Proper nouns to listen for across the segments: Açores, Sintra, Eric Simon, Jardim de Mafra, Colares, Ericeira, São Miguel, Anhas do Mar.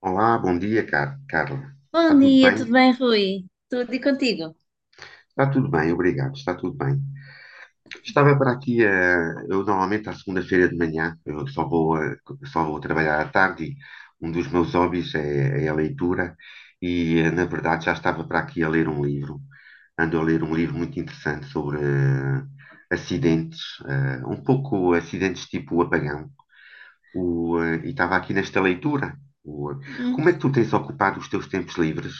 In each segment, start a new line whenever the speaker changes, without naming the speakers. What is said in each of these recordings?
Olá, bom dia, Carla. Está
Bom
tudo
dia, tudo
bem?
bem, Rui? Tudo e contigo?
Está tudo bem, obrigado. Está tudo bem. Estava para aqui, eu normalmente à segunda-feira de manhã, eu só vou, só vou trabalhar à tarde, e um dos meus hobbies é a leitura e, na verdade, já estava para aqui a ler um livro. Ando a ler um livro muito interessante sobre acidentes, um pouco acidentes tipo apagão. E estava aqui nesta leitura. O, eh,
Hum.
Como é que tu tens ocupado os teus tempos livres?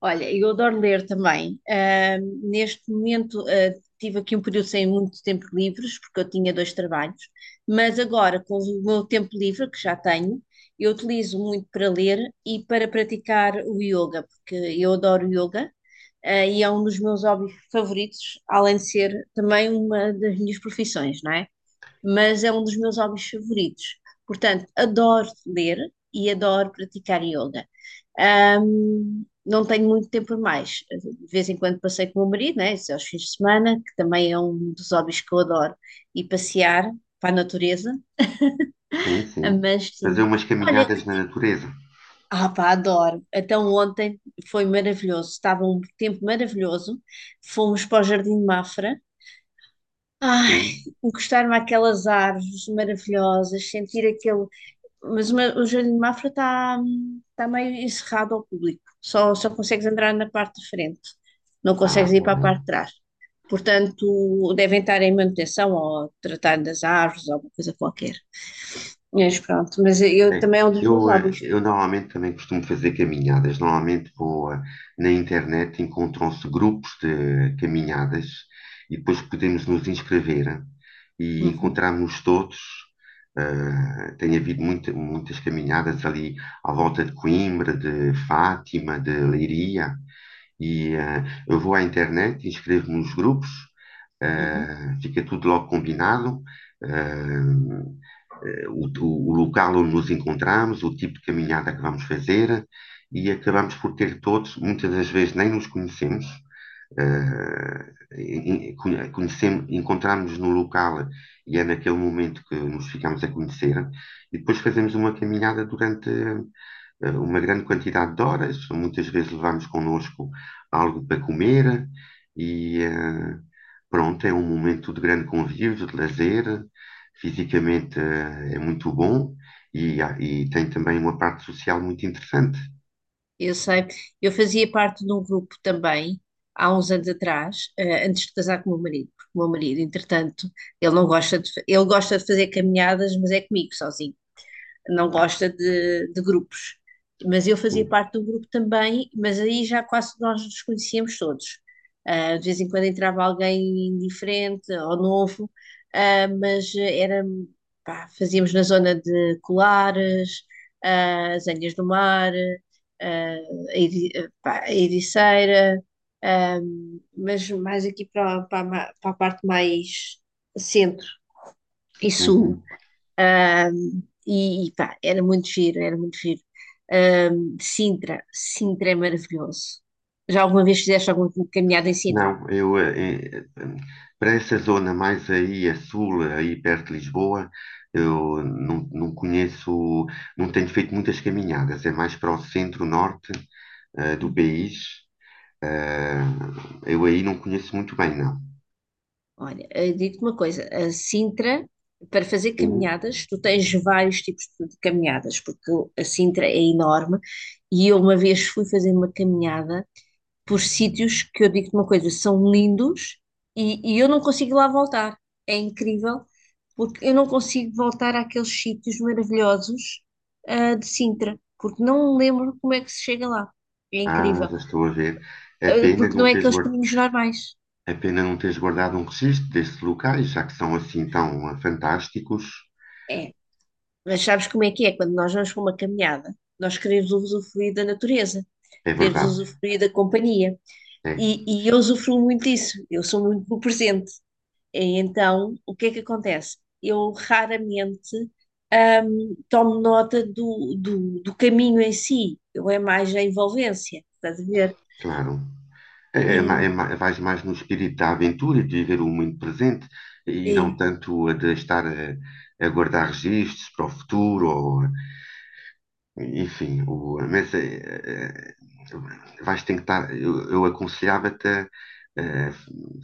Olha, eu adoro ler também. Neste momento, tive aqui um período sem muito tempo livres, porque eu tinha dois trabalhos, mas agora, com o meu tempo livre, que já tenho, eu utilizo muito para ler e para praticar o yoga, porque eu adoro yoga, e é um dos meus hobbies favoritos, além de ser também uma das minhas profissões, não é? Mas é um dos meus hobbies favoritos. Portanto, adoro ler e adoro praticar yoga. Não tenho muito tempo a mais. De vez em quando passei com o meu marido, né? Isso é aos fins de semana, que também é um dos hobbies que eu adoro, e passear para a natureza.
Sim, sim.
Mas
Fazer
sim,
umas
olha,
caminhadas na natureza.
pá, adoro. Então ontem foi maravilhoso, estava um tempo maravilhoso. Fomos para o Jardim de Mafra. Ai,
Sim,
encostar-me àquelas árvores maravilhosas, sentir aquele, o Jardim de Mafra está tá meio encerrado ao público. Só consegues entrar na parte de frente. Não consegues
ah,
ir
tá
para a
bem.
parte de trás. Portanto, devem estar em manutenção ou a tratar das árvores ou alguma coisa qualquer. Mas pronto, mas eu
É,
também é um dos meus hobbies.
eu normalmente também costumo fazer caminhadas. Normalmente vou na internet, encontram-se grupos de caminhadas e depois podemos nos inscrever e
Uhum,
encontrarmos todos. Tem havido muitas caminhadas ali à volta de Coimbra, de Fátima, de Leiria. E eh, eu vou à internet, inscrevo-me nos grupos,
uhum.
fica tudo logo combinado, eh, local onde nos encontramos, o tipo de caminhada que vamos fazer, e acabamos por ter todos, muitas das vezes nem nos conhecemos, eh, conhecemos, encontramos-nos no local, e é naquele momento que nos ficamos a conhecer, e depois fazemos uma caminhada durante uma grande quantidade de horas. Muitas vezes levamos connosco algo para comer e eh, pronto, é um momento de grande convívio, de lazer. Fisicamente é muito bom e, e tem também uma parte social muito interessante.
Eu sei. Eu fazia parte de um grupo também, há uns anos atrás, antes de casar com o meu marido. Porque o meu marido, entretanto, ele não gosta de, ele gosta de fazer caminhadas, mas é comigo sozinho. Não gosta de grupos. Mas eu fazia
Sim.
parte do grupo também, mas aí já quase nós nos conhecíamos todos. Ah, de vez em quando entrava alguém diferente ou novo, mas era, pá, fazíamos na zona de Colares, as Anhas do Mar, ah, pá, a Ericeira, ah, mas mais aqui para a parte mais centro e sul.
Uhum.
E pá, era muito giro, era muito giro. De Sintra, Sintra é maravilhoso. Já alguma vez fizeste alguma caminhada em Sintra?
Não, para essa zona mais aí a sul, aí perto de Lisboa, eu não, não conheço, não tenho feito muitas caminhadas, é mais para o centro-norte do
Uhum.
país. Eh, eu aí não conheço muito bem, não.
Olha, digo-te uma coisa, a Sintra, para fazer
Uh,
caminhadas, tu tens vários tipos de caminhadas, porque a Sintra é enorme e eu uma vez fui fazer uma caminhada por sítios que eu digo-te uma coisa, são lindos e eu não consigo lá voltar. É incrível, porque eu não consigo voltar àqueles sítios maravilhosos, de Sintra, porque não me lembro como é que se chega lá. É
ah,
incrível,
já estou a ver. É
ah,
pena
porque não
não
é aqueles caminhos normais.
é pena não teres guardado um registro destes locais, já que são assim tão ah, fantásticos.
É, mas sabes como é que é? Quando nós vamos para uma caminhada, nós queremos usufruir da natureza,
É
queremos
verdade,
usufruir da companhia.
é,
E, e eu usufruo muito disso, eu sou muito no presente. E então, o que é que acontece? Eu raramente tomo nota do caminho em si, eu é mais a envolvência, estás a ver?
claro. É, é,
E,
vais mais no espírito da aventura e de viver o momento presente, e não
e-
tanto a de estar a guardar registros para o futuro ou... Enfim, o, mas é, é, vais tentar. Eu aconselhava-te a, eh,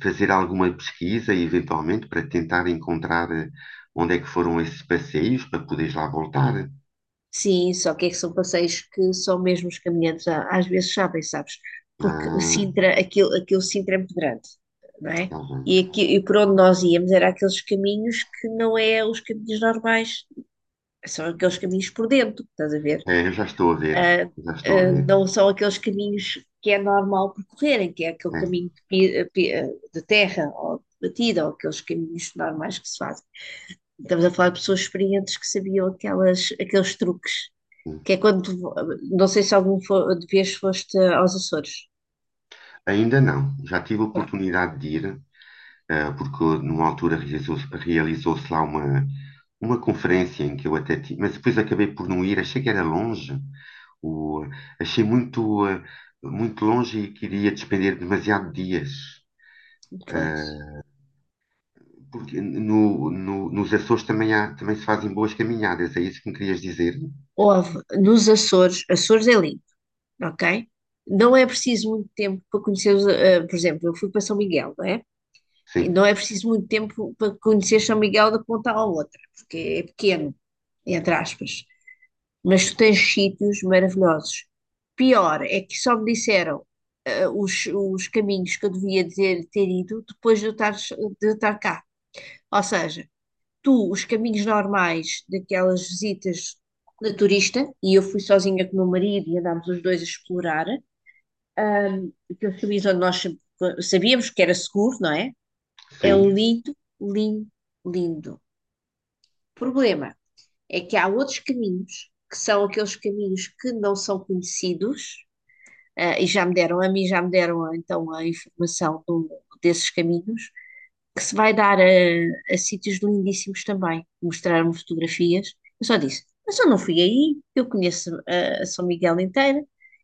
fazer alguma pesquisa, eventualmente, para tentar encontrar onde é que foram esses passeios para poderes lá voltar.
sim, só que é que são passeios que só mesmo às vezes sabem, sabes? Porque
Ah,
Sintra, aquilo Sintra é muito grande, não é?
tá bem.
E, aqui, e por onde nós íamos era aqueles caminhos que não é os caminhos normais, são aqueles caminhos por dentro, estás a ver?
É, eu já estou a ver,
Ah,
já estou a
ah,
ver.
não são aqueles caminhos que é normal percorrerem, que é aquele
É,
caminho de, de terra ou de batida, ou aqueles caminhos normais que se fazem. Estamos a falar de pessoas experientes que sabiam aquelas, aqueles truques,
sim.
que é não sei se de vez foste aos Açores.
Ainda não, já tive a
Pronto,
oportunidade de ir, porque numa altura realizou-se lá uma conferência em que eu até tive, mas depois acabei por não ir, achei que era longe, o, achei muito, muito longe e queria despender demasiado dias.
pois.
Porque nos Açores também, há, também se fazem boas caminhadas, é isso que me querias dizer?
Houve nos Açores, Açores é lindo, ok? Não é preciso muito tempo para conhecer, os, por exemplo, eu fui para São Miguel, não é? E
Sim,
não é preciso muito tempo para conhecer São Miguel da ponta à outra, porque é pequeno, entre aspas. Mas tu tens sítios maravilhosos. Pior é que só me disseram os caminhos que eu devia ter ido depois de eu estar cá. Ou seja, tu, os caminhos normais daquelas visitas de turista, e eu fui sozinha com o meu marido e andámos os dois a explorar, aqueles caminhos onde sabíamos que era seguro, não é? É
sim.
lindo, lindo, lindo. O problema é que há outros caminhos, que são aqueles caminhos que não são conhecidos, ah, e já me deram a mim, já me deram ah, então a informação desses caminhos, que se vai dar a sítios lindíssimos também. Mostraram-me fotografias. Eu só disse, mas eu não fui aí, eu conheço ah, a São Miguel inteira,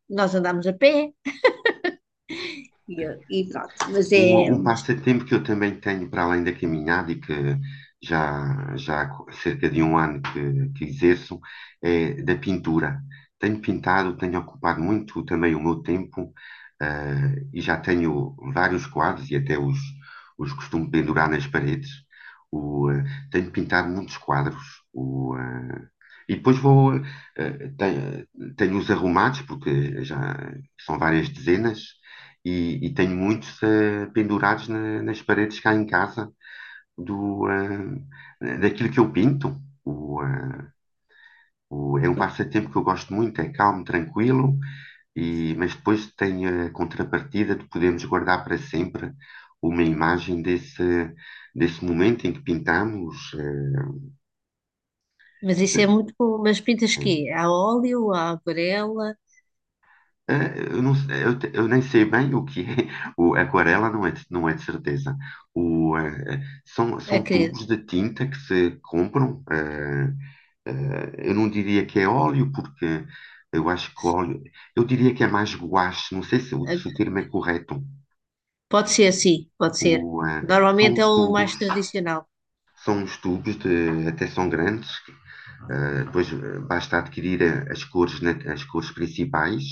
nós andámos a pé, e, e pronto. Mas é,
Um passatempo que eu também tenho para além da caminhada e que já há cerca de um ano que exerço é da pintura. Tenho pintado, tenho ocupado muito também o meu tempo, ah, e já tenho vários quadros e até os costumo pendurar nas paredes. O, ah, tenho pintado muitos quadros. O, ah, e depois vou. Tenho, tenho os arrumados, porque já são várias dezenas, e tenho muitos pendurados nas paredes cá em casa, do, daquilo que eu pinto. O, eh, É um passatempo que eu gosto muito, é calmo, tranquilo, e, mas depois tem a contrapartida de podermos guardar para sempre uma imagem desse, desse momento em que pintamos.
mas isso é muito bom. Mas pintas
eh,
quê? A óleo, a aquarela?
É, eu, não, eu nem sei bem o que é. O, aquarela não é, não é de certeza. São, são
Acredito.
tubos de tinta que se compram. Eu não diria que é óleo, porque eu acho que óleo. Eu diria que é mais guache, não sei se, o se o termo é correto.
Pode ser, sim, pode ser.
O, eh, São
Normalmente é
os
o
tubos,
mais tradicional.
são os tubos de, até são grandes. Depois basta adquirir as cores, as cores principais,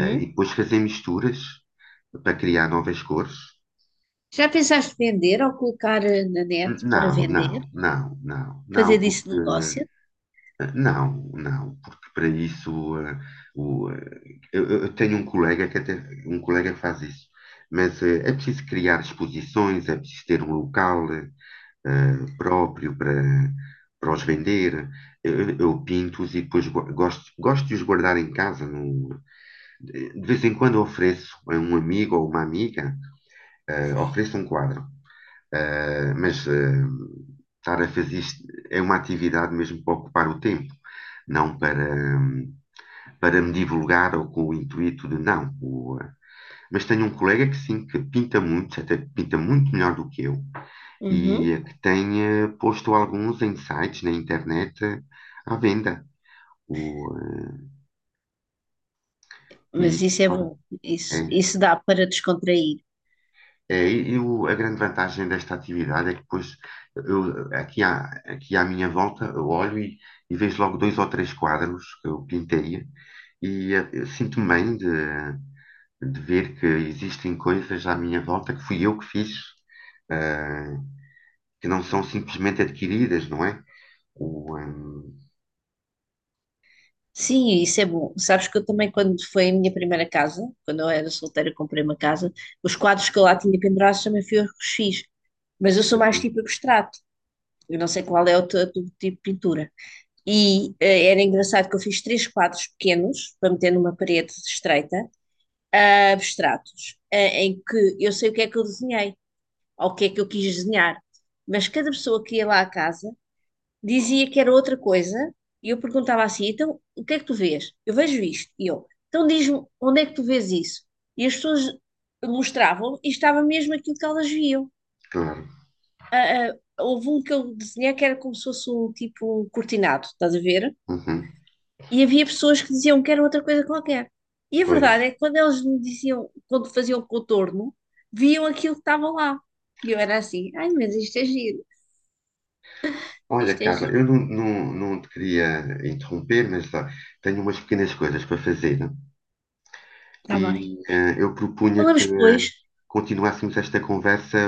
e depois fazer misturas para criar novas cores.
Já pensaste vender ou colocar na net para
Não,
vender?
não, não, não,
Fazer
não,
disso
porque
negócio?
não, não, porque para isso o, eh, eu tenho um colega que até um colega que faz isso, mas é preciso criar exposições, é preciso ter um local próprio para, para os vender. Eu pinto-os e depois gosto, gosto de os guardar em casa. De vez em quando ofereço a um amigo ou uma amiga, ofereço um quadro. Ah, mas ah, estar a fazer isto é uma atividade mesmo para ocupar o tempo, não para, hum, para me divulgar ou com o intuito de não. Mas tenho um colega que sim, que pinta muito, até que pinta muito melhor do que eu, e
Uhum.
ah, que tem ah, posto alguns em sites na internet ah, à venda. O, ah,
Mas
e,
isso é
claro,
bom.
é.
Isso dá para descontrair.
É, e a grande vantagem desta atividade é que depois eu, aqui, à, aqui à minha volta eu olho e vejo logo dois ou três quadros que eu pintei, e eu sinto-me bem de ver que existem coisas à minha volta que fui eu que fiz, eh, que não são simplesmente adquiridas, não é? O, ehm,
Sim, isso é bom. Sabes que eu também, quando foi a minha primeira casa, quando eu era solteira, comprei uma casa, os quadros que eu lá tinha pendurados também fui eu que os fiz. Mas eu sou mais
uhum,
tipo abstrato. Eu não sei qual é o teu, teu tipo de pintura. E era engraçado que eu fiz três quadros pequenos para meter numa parede estreita, abstratos, em que eu sei o que é que eu desenhei, ou o que é que eu quis desenhar. Mas cada pessoa que ia lá à casa dizia que era outra coisa, e eu perguntava assim: então, o que é que tu vês? Eu vejo isto. E eu, então diz-me, onde é que tu vês isso? E as pessoas mostravam e estava mesmo aquilo que elas viam.
claro,
Ah, ah, houve um que eu desenhei que era como se fosse um tipo um cortinado, estás a ver?
uhum,
E havia pessoas que diziam que era outra coisa qualquer. E a verdade
pois.
é que quando eles me diziam, quando faziam o contorno, viam aquilo que estava lá. E eu era assim, ai, mas
Olha,
isto é
Carla,
giro,
eu não, não, não te queria interromper, mas ah, tenho umas pequenas coisas para fazer.
está bem.
E eu propunha que
Falamos depois,
continuássemos esta conversa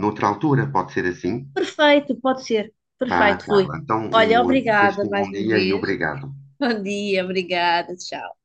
noutra altura, pode ser assim?
perfeito, pode ser,
Vá,
perfeito, Rui.
Carla. Então,
Olha,
um, desejo-te
obrigada
um
mais
bom
uma
dia e
vez.
obrigado.
Bom dia, obrigada, tchau.